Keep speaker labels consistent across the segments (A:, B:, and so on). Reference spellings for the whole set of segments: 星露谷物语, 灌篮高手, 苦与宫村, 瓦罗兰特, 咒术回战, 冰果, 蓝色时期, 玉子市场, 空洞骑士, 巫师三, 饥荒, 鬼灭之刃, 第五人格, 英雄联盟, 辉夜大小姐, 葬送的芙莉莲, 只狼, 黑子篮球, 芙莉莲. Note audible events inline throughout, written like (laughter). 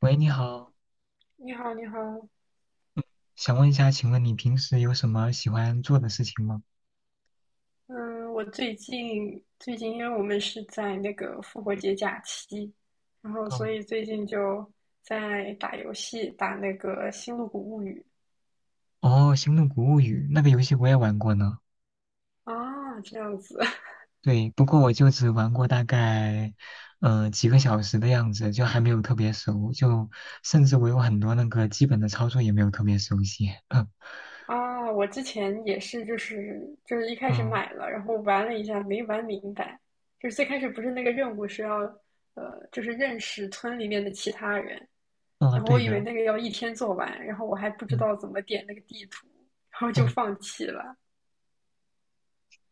A: 喂，你好，
B: 你好，你好，
A: 想问一下，请问你平时有什么喜欢做的事情吗？
B: 嗯，我最近，因为我们是在那个复活节假期，然后
A: 哦，
B: 所以最近就在打游戏，打那个《星露谷物语》
A: 哦，《星动谷物语》那个游戏我也玩过呢。
B: 啊，这样子
A: 对，不过我就只玩过大概，几个小时的样子，就还没有特别熟，就甚至我有很多那个基本的操作也没有特别熟悉。(laughs) 嗯
B: (laughs) 啊。我之前也是，就是一开始
A: 嗯
B: 买了，然后玩了一下，没玩明白，就是最开始不是那个任务是要就是认识村里面的其他人，
A: 嗯，
B: 然后我
A: 对
B: 以为
A: 的，
B: 那个要一天做完，然后我还不知
A: 嗯
B: 道怎么点那个地图，然后就
A: 嗯。
B: 放弃了。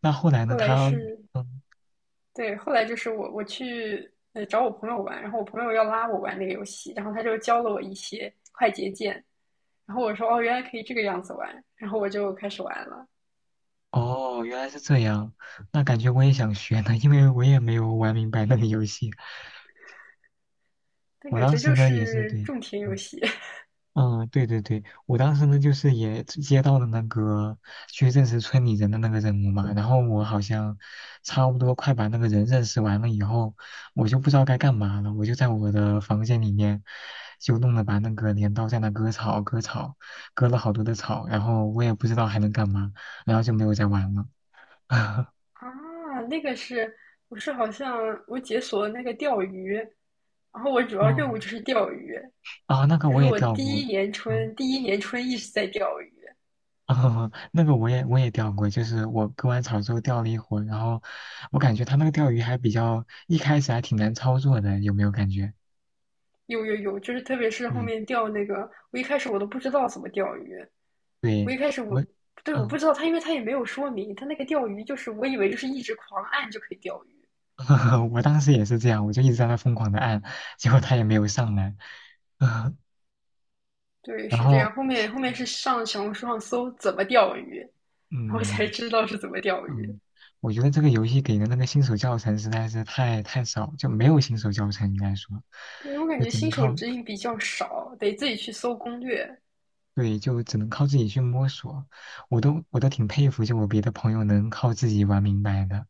A: 那后来呢？
B: 后来是，
A: 嗯，
B: 对，后来就是我去找我朋友玩，然后我朋友要拉我玩那个游戏，然后他就教了我一些快捷键，然后我说哦，原来可以这个样子玩，然后我就开始玩了。
A: 哦，原来是这样。那感觉我也想学呢，因为我也没有玩明白那个游戏。
B: 但
A: 我
B: 感
A: 当
B: 觉
A: 时
B: 就
A: 呢也是
B: 是
A: 对。
B: 种田游
A: 嗯
B: 戏
A: 嗯，对对对，我当时呢就是也接到了那个去认识村里人的那个任务嘛，然后我好像差不多快把那个人认识完了以后，我就不知道该干嘛了，我就在我的房间里面就弄了把那个镰刀在那割草，割草，割了好多的草，然后我也不知道还能干嘛，然后就没有再玩了。(laughs)
B: (laughs) 啊，那个是我是好像我解锁了那个钓鱼，然后我主要
A: 哦，
B: 任务就是钓鱼，
A: 啊，那个
B: 就
A: 我
B: 是
A: 也
B: 我
A: 掉
B: 第
A: 过，
B: 一年
A: 嗯。
B: 春第一年春一直在钓鱼，
A: 啊，(laughs) 那个我也钓过，就是我割完草之后钓了一会儿，然后我感觉他那个钓鱼还比较，一开始还挺难操作的，有没有感觉？
B: 有有有，就是特别是后
A: 嗯，
B: 面钓那个，我一开始我都不知道怎么钓鱼。
A: 对，
B: 我一开始我
A: 我，
B: 对我不
A: 嗯，
B: 知道他，因为他也没有说明，他那个钓鱼就是我以为就是一直狂按就可以钓鱼，
A: (laughs) 我当时也是这样，我就一直在那疯狂的按，(laughs) 结果他也没有上来，(laughs) 嗯，
B: 对，
A: 然
B: 是这
A: 后，
B: 样。后面是上小红书上搜怎么钓鱼，然后才
A: 嗯
B: 知道是怎么钓鱼。
A: 嗯，我觉得这个游戏给的那个新手教程实在是太少，就没有新手教程应该说，
B: 对，我感
A: 就
B: 觉
A: 只能
B: 新手
A: 靠，
B: 指引比较少，得自己去搜攻略。
A: 对，就只能靠自己去摸索。我都挺佩服，就我别的朋友能靠自己玩明白的。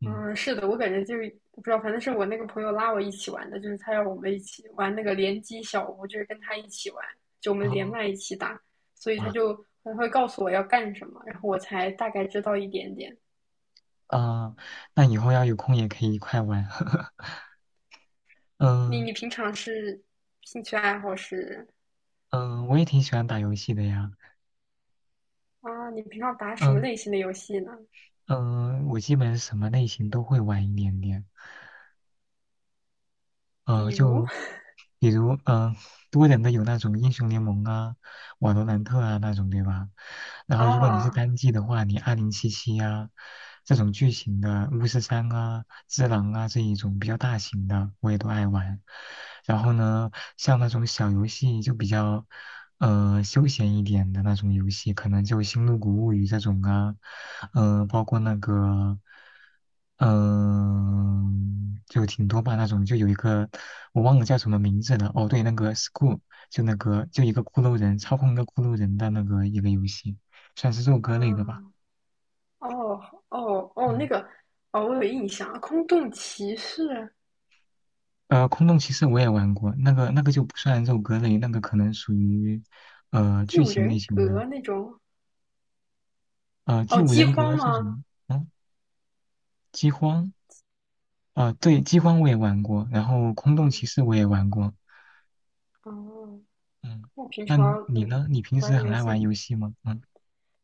A: 嗯，
B: 嗯，是的，我感觉就是不知道，反正是我那个朋友拉我一起玩的，就是他要我们一起玩那个联机小屋，就是跟他一起玩，就我们连
A: 哦，
B: 麦一起打，所以
A: 哇，
B: 他会告诉我要干什么，然后我才大概知道一点点。
A: 啊，那以后要有空也可以一块玩。(laughs)
B: 你
A: 嗯
B: 你平常是兴趣爱好是
A: 嗯，我也挺喜欢打游戏的呀。
B: 啊？你平常打什么
A: 嗯
B: 类型的游戏呢？
A: 嗯，我基本什么类型都会玩一点点。
B: 比如
A: 就比如多人的有那种英雄联盟啊、瓦罗兰特啊那种，对吧？然
B: 啊
A: 后如果你是
B: 啊
A: 单机的话，你2077啊这种剧情的巫师三啊、只狼啊这一种比较大型的，我也都爱玩。然后呢，像那种小游戏就比较。休闲一点的那种游戏，可能就《星露谷物语》这种啊，包括那个，就挺多吧那种，就有一个我忘了叫什么名字了，哦，对，那个 School，就那个就一个骷髅人操控一个骷髅人的那个一个游戏，算是肉鸽类的吧，
B: 哦哦哦那
A: 嗯，
B: 个哦，我有印象，《空洞骑士》
A: 空洞骑士我也玩过，那个就不算肉鸽类，那个可能属于
B: 《第
A: 剧
B: 五
A: 情类
B: 人格》
A: 型的，
B: 那种哦，
A: 第五
B: 《饥
A: 人
B: 荒》
A: 格这
B: 吗？
A: 种，嗯，饥荒。啊，对，饥荒我也玩过，然后空
B: 啊
A: 洞骑士我也玩过。
B: 哦，
A: 嗯，
B: 我平
A: 那
B: 常
A: 你呢？你平
B: 玩
A: 时
B: 的
A: 很
B: 游
A: 爱玩
B: 戏
A: 游戏吗？嗯，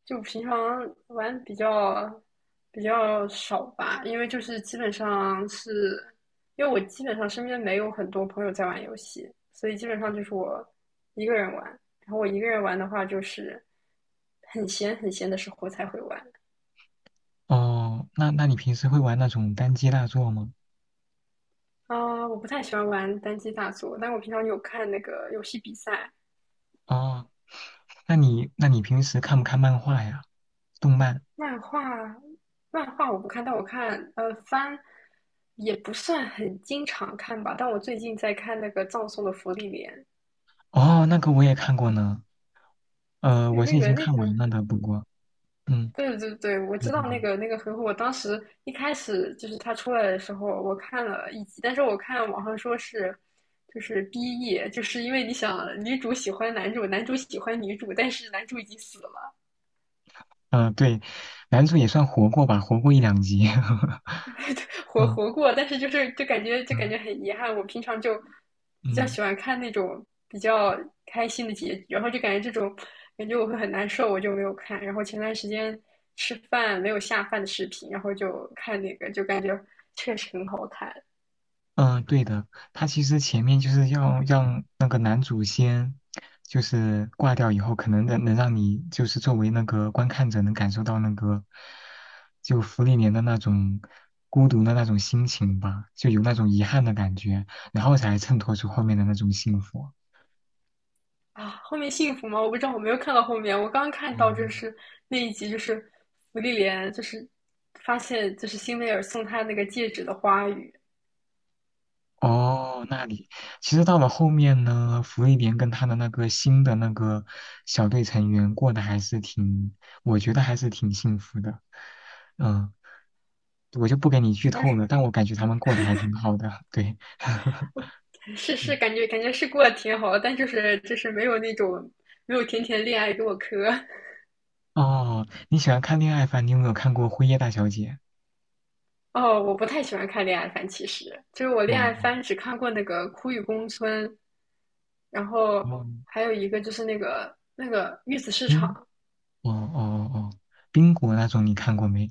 B: 就平常玩比较少吧，因为就是基本上是，因为我基本上身边没有很多朋友在玩游戏，所以基本上就是我一个人玩。然后我一个人玩的话，就是很闲很闲的时候才会玩
A: 哦，那你平时会玩那种单机大作吗？
B: 啊。我不太喜欢玩单机大作，但我平常有看那个游戏比赛、
A: 哦，那你平时看不看漫画呀？动漫？
B: 漫画，漫画我不看，但我看番。也不算很经常看吧，但我最近在看那个《葬送的芙莉莲》，
A: 哦，那个我也看过呢。
B: 对，
A: 我
B: 那
A: 是已
B: 个
A: 经
B: 那
A: 看
B: 个，
A: 完了的，不过，嗯，
B: 对对对，我
A: 对
B: 知道
A: 对
B: 那
A: 对，
B: 个那个回复。我当时一开始就是他出来的时候，我看了一集，但是我看网上说是就是 BE，就是因为你想女主喜欢男主，男主喜欢女主，但是男主已经死了，
A: 对，男主也算活过吧，活过一两集。(laughs)
B: (laughs) 活
A: 嗯
B: 活过，但是就是就感觉就感
A: 嗯
B: 觉很遗憾。我平常就比较
A: 嗯。
B: 喜欢看那种比较开心的结局，然后就感觉这种感觉我会很难受，我就没有看。然后前段时间吃饭没有下饭的视频，然后就看那个，就感觉确实很好看
A: 嗯，对的，他其实前面就是要让那个男主先，就是挂掉以后，可能能让你就是作为那个观看者能感受到那个，就芙莉莲的那种孤独的那种心情吧，就有那种遗憾的感觉，然后才衬托出后面的那种幸福。
B: 啊。后面幸福吗？我不知道，我没有看到后面。我刚看到就
A: 嗯，
B: 是那一集，就是芙莉莲，就是发现就是辛美尔送她那个戒指的花语。
A: 哦，那里其实到了后面呢，芙莉莲跟他的那个新的那个小队成员过得还是挺，我觉得还是挺幸福的。嗯，我就不给你剧
B: 主要
A: 透了，但我感觉他们过得还挺好的。对，(laughs)
B: (laughs) 是是，
A: 嗯
B: 感觉是过得挺好，的，但就是没有那种没有甜甜恋爱给我磕。
A: 哦，你喜欢看恋爱番，你有没有看过《辉夜大小姐》？
B: 哦，我不太喜欢看恋爱番，其实就是我恋爱
A: 哦，
B: 番只看过那个《苦与宫村》，然后
A: 哦，
B: 还有一个就是那个玉子市
A: 嗯，
B: 场，
A: 哦哦哦，冰果那种你看过没？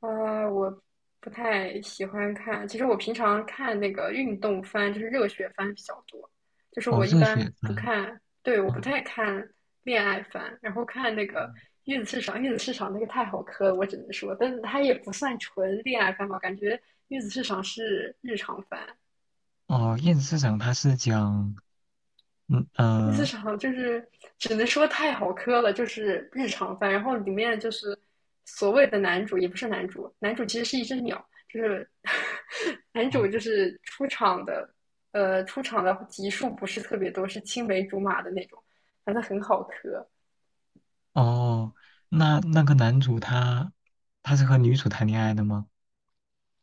B: 啊，我不太喜欢看。其实我平常看那个运动番，就是热血番比较多。就是
A: 哦，
B: 我一
A: 热
B: 般
A: 血
B: 不
A: 番。
B: 看，对，我不
A: 哦
B: 太看恋爱番，然后看那
A: 嗯
B: 个月子市场，月子市场那个太好磕了，我只能说，但是它也不算纯恋爱番吧，感觉月子市场是日常番。
A: 哦，燕子市长他是讲，嗯
B: 第四场就是只能说太好磕了，就是日常番。然后里面就是所谓的男主也不是男主，男主其实是一只鸟，就是 (laughs) 男主
A: 哦，
B: 就是出场的，出场的集数不是特别多，是青梅竹马的那种，反正很好磕。
A: 哦那个男主他是和女主谈恋爱的吗？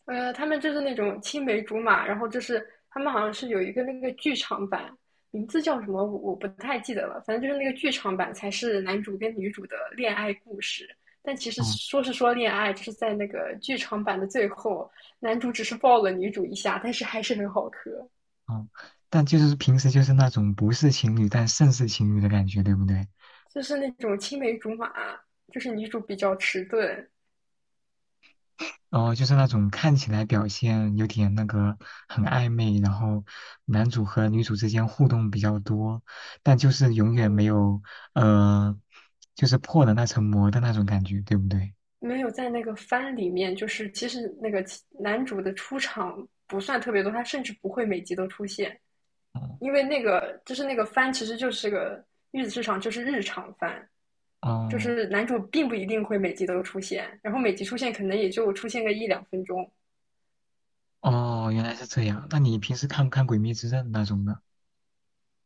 B: 他们就是那种青梅竹马，然后就是他们好像是有一个那个剧场版，名字叫什么我不太记得了，反正就是那个剧场版才是男主跟女主的恋爱故事。但其实
A: 哦
B: 说是说恋爱，就是在那个剧场版的最后，男主只是抱了女主一下，但是还是很好磕，
A: 哦，但就是平时就是那种不是情侣但胜似情侣的感觉，对不对？
B: 就是那种青梅竹马，就是女主比较迟钝，
A: 然后就是那种看起来表现有点那个很暧昧，然后男主和女主之间互动比较多，但就是永远没
B: 嗯，
A: 有呃，就是破的那层膜的那种感觉，对不对？
B: 没有在那个番里面，就是其实那个男主的出场不算特别多，他甚至不会每集都出现。因
A: 哦
B: 为那个就是那个番，其实就是个玉子市场，就是日常番，就
A: 哦
B: 是男主并不一定会每集都出现，然后每集出现可能也就出现个一两分钟
A: 哦，原来是这样。那你平时看不看《鬼灭之刃》那种的？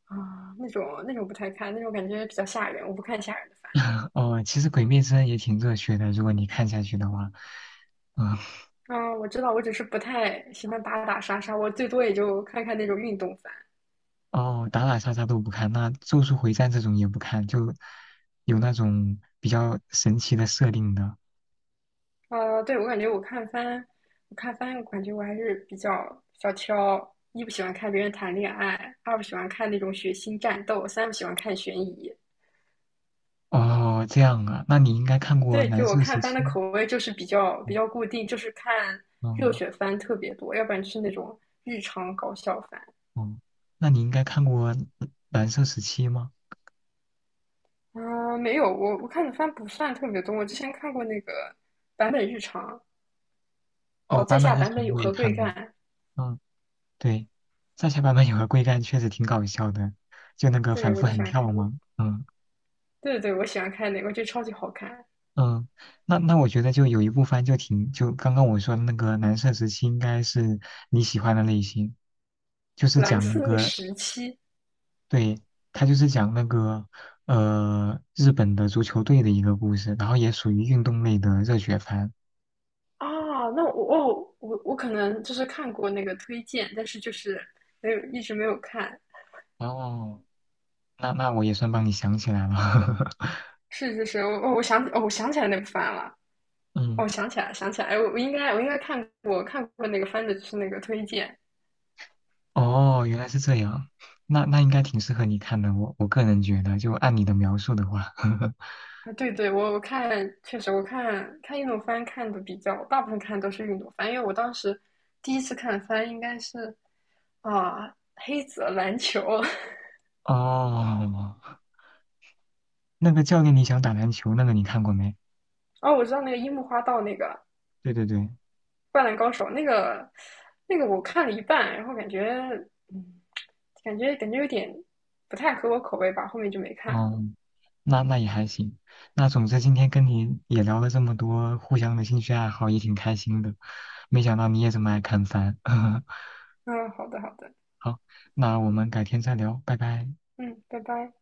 B: 啊，那种不太看，那种感觉比较吓人，我不看吓人的番。
A: (laughs) 哦，其实《鬼灭之刃》也挺热血的，如果你看下去的话，嗯，
B: 啊。我知道，我只是不太喜欢打打杀杀，我最多也就看看那种运动番。
A: 哦，打打杀杀都不看，那《咒术回战》这种也不看，就有那种比较神奇的设定的。
B: 啊。对，我感觉我看番，我看番，我感觉我还是比较挑，一不喜欢看别人谈恋爱，二不喜欢看那种血腥战斗，三不喜欢看悬疑。
A: 哦，这样啊，那你应该看过
B: 对，
A: 蓝
B: 就我
A: 色
B: 看
A: 时
B: 番的
A: 期，
B: 口味就是比较比
A: 嗯
B: 较固定，就是看热
A: 嗯
B: 血番特别多，要不然就是那种日常搞笑番。
A: 哦那你应该看过蓝色时期吗？
B: 啊、没有，我看的番不算特别多。我之前看过那个版本日常，哦，
A: 哦，
B: 在
A: 版本
B: 下
A: 日
B: 版本
A: 常
B: 有
A: 我也
B: 何贵
A: 看过，
B: 干？
A: 嗯，对，在下版本有个龟干确实挺搞笑的，就那个
B: 对，
A: 反
B: 我
A: 复
B: 就喜
A: 横
B: 欢
A: 跳
B: 看那个。
A: 嘛，嗯
B: 对对对，我喜欢看那个，我觉得超级好看。
A: 嗯，那我觉得就有一部番就挺，就刚刚我说的那个蓝色时期应该是你喜欢的类型，就是
B: 蓝
A: 讲那
B: 色
A: 个
B: 时期
A: 对，他就是讲那个日本的足球队的一个故事，然后也属于运动类的热血番。
B: 啊，那我哦，我可能就是看过那个推荐，但是就是没有一直没有看。
A: 哦，那我也算帮你想起来了。(laughs)
B: 是是是，我想起哦，我想起来那个番了，我
A: 嗯，
B: 想起来，想起来，哎，我应该看过那个番的，就是那个推荐。
A: 哦，原来是这样，那应该挺适合你看的，我个人觉得，就按你的描述的话，(laughs)
B: 啊，对对，我看确实，我看看运动番看的比较，大部分看的都是运动番，因为我当时第一次看番应该是啊黑子篮球，(laughs)
A: 哦，那个教练你想打篮球那个你看过没？
B: 哦，我知道那个樱木花道那个
A: 对对对，
B: 灌篮高手那个我看了一半，然后感觉嗯感觉感觉有点不太合我口味吧，后面就没看了。
A: 哦，那也还行。那总之今天跟你也聊了这么多互相的兴趣爱好，也挺开心的。没想到你也这么爱看番。(laughs)
B: 嗯，好的好的，
A: 好，那我们改天再聊，拜拜。
B: 嗯，拜拜。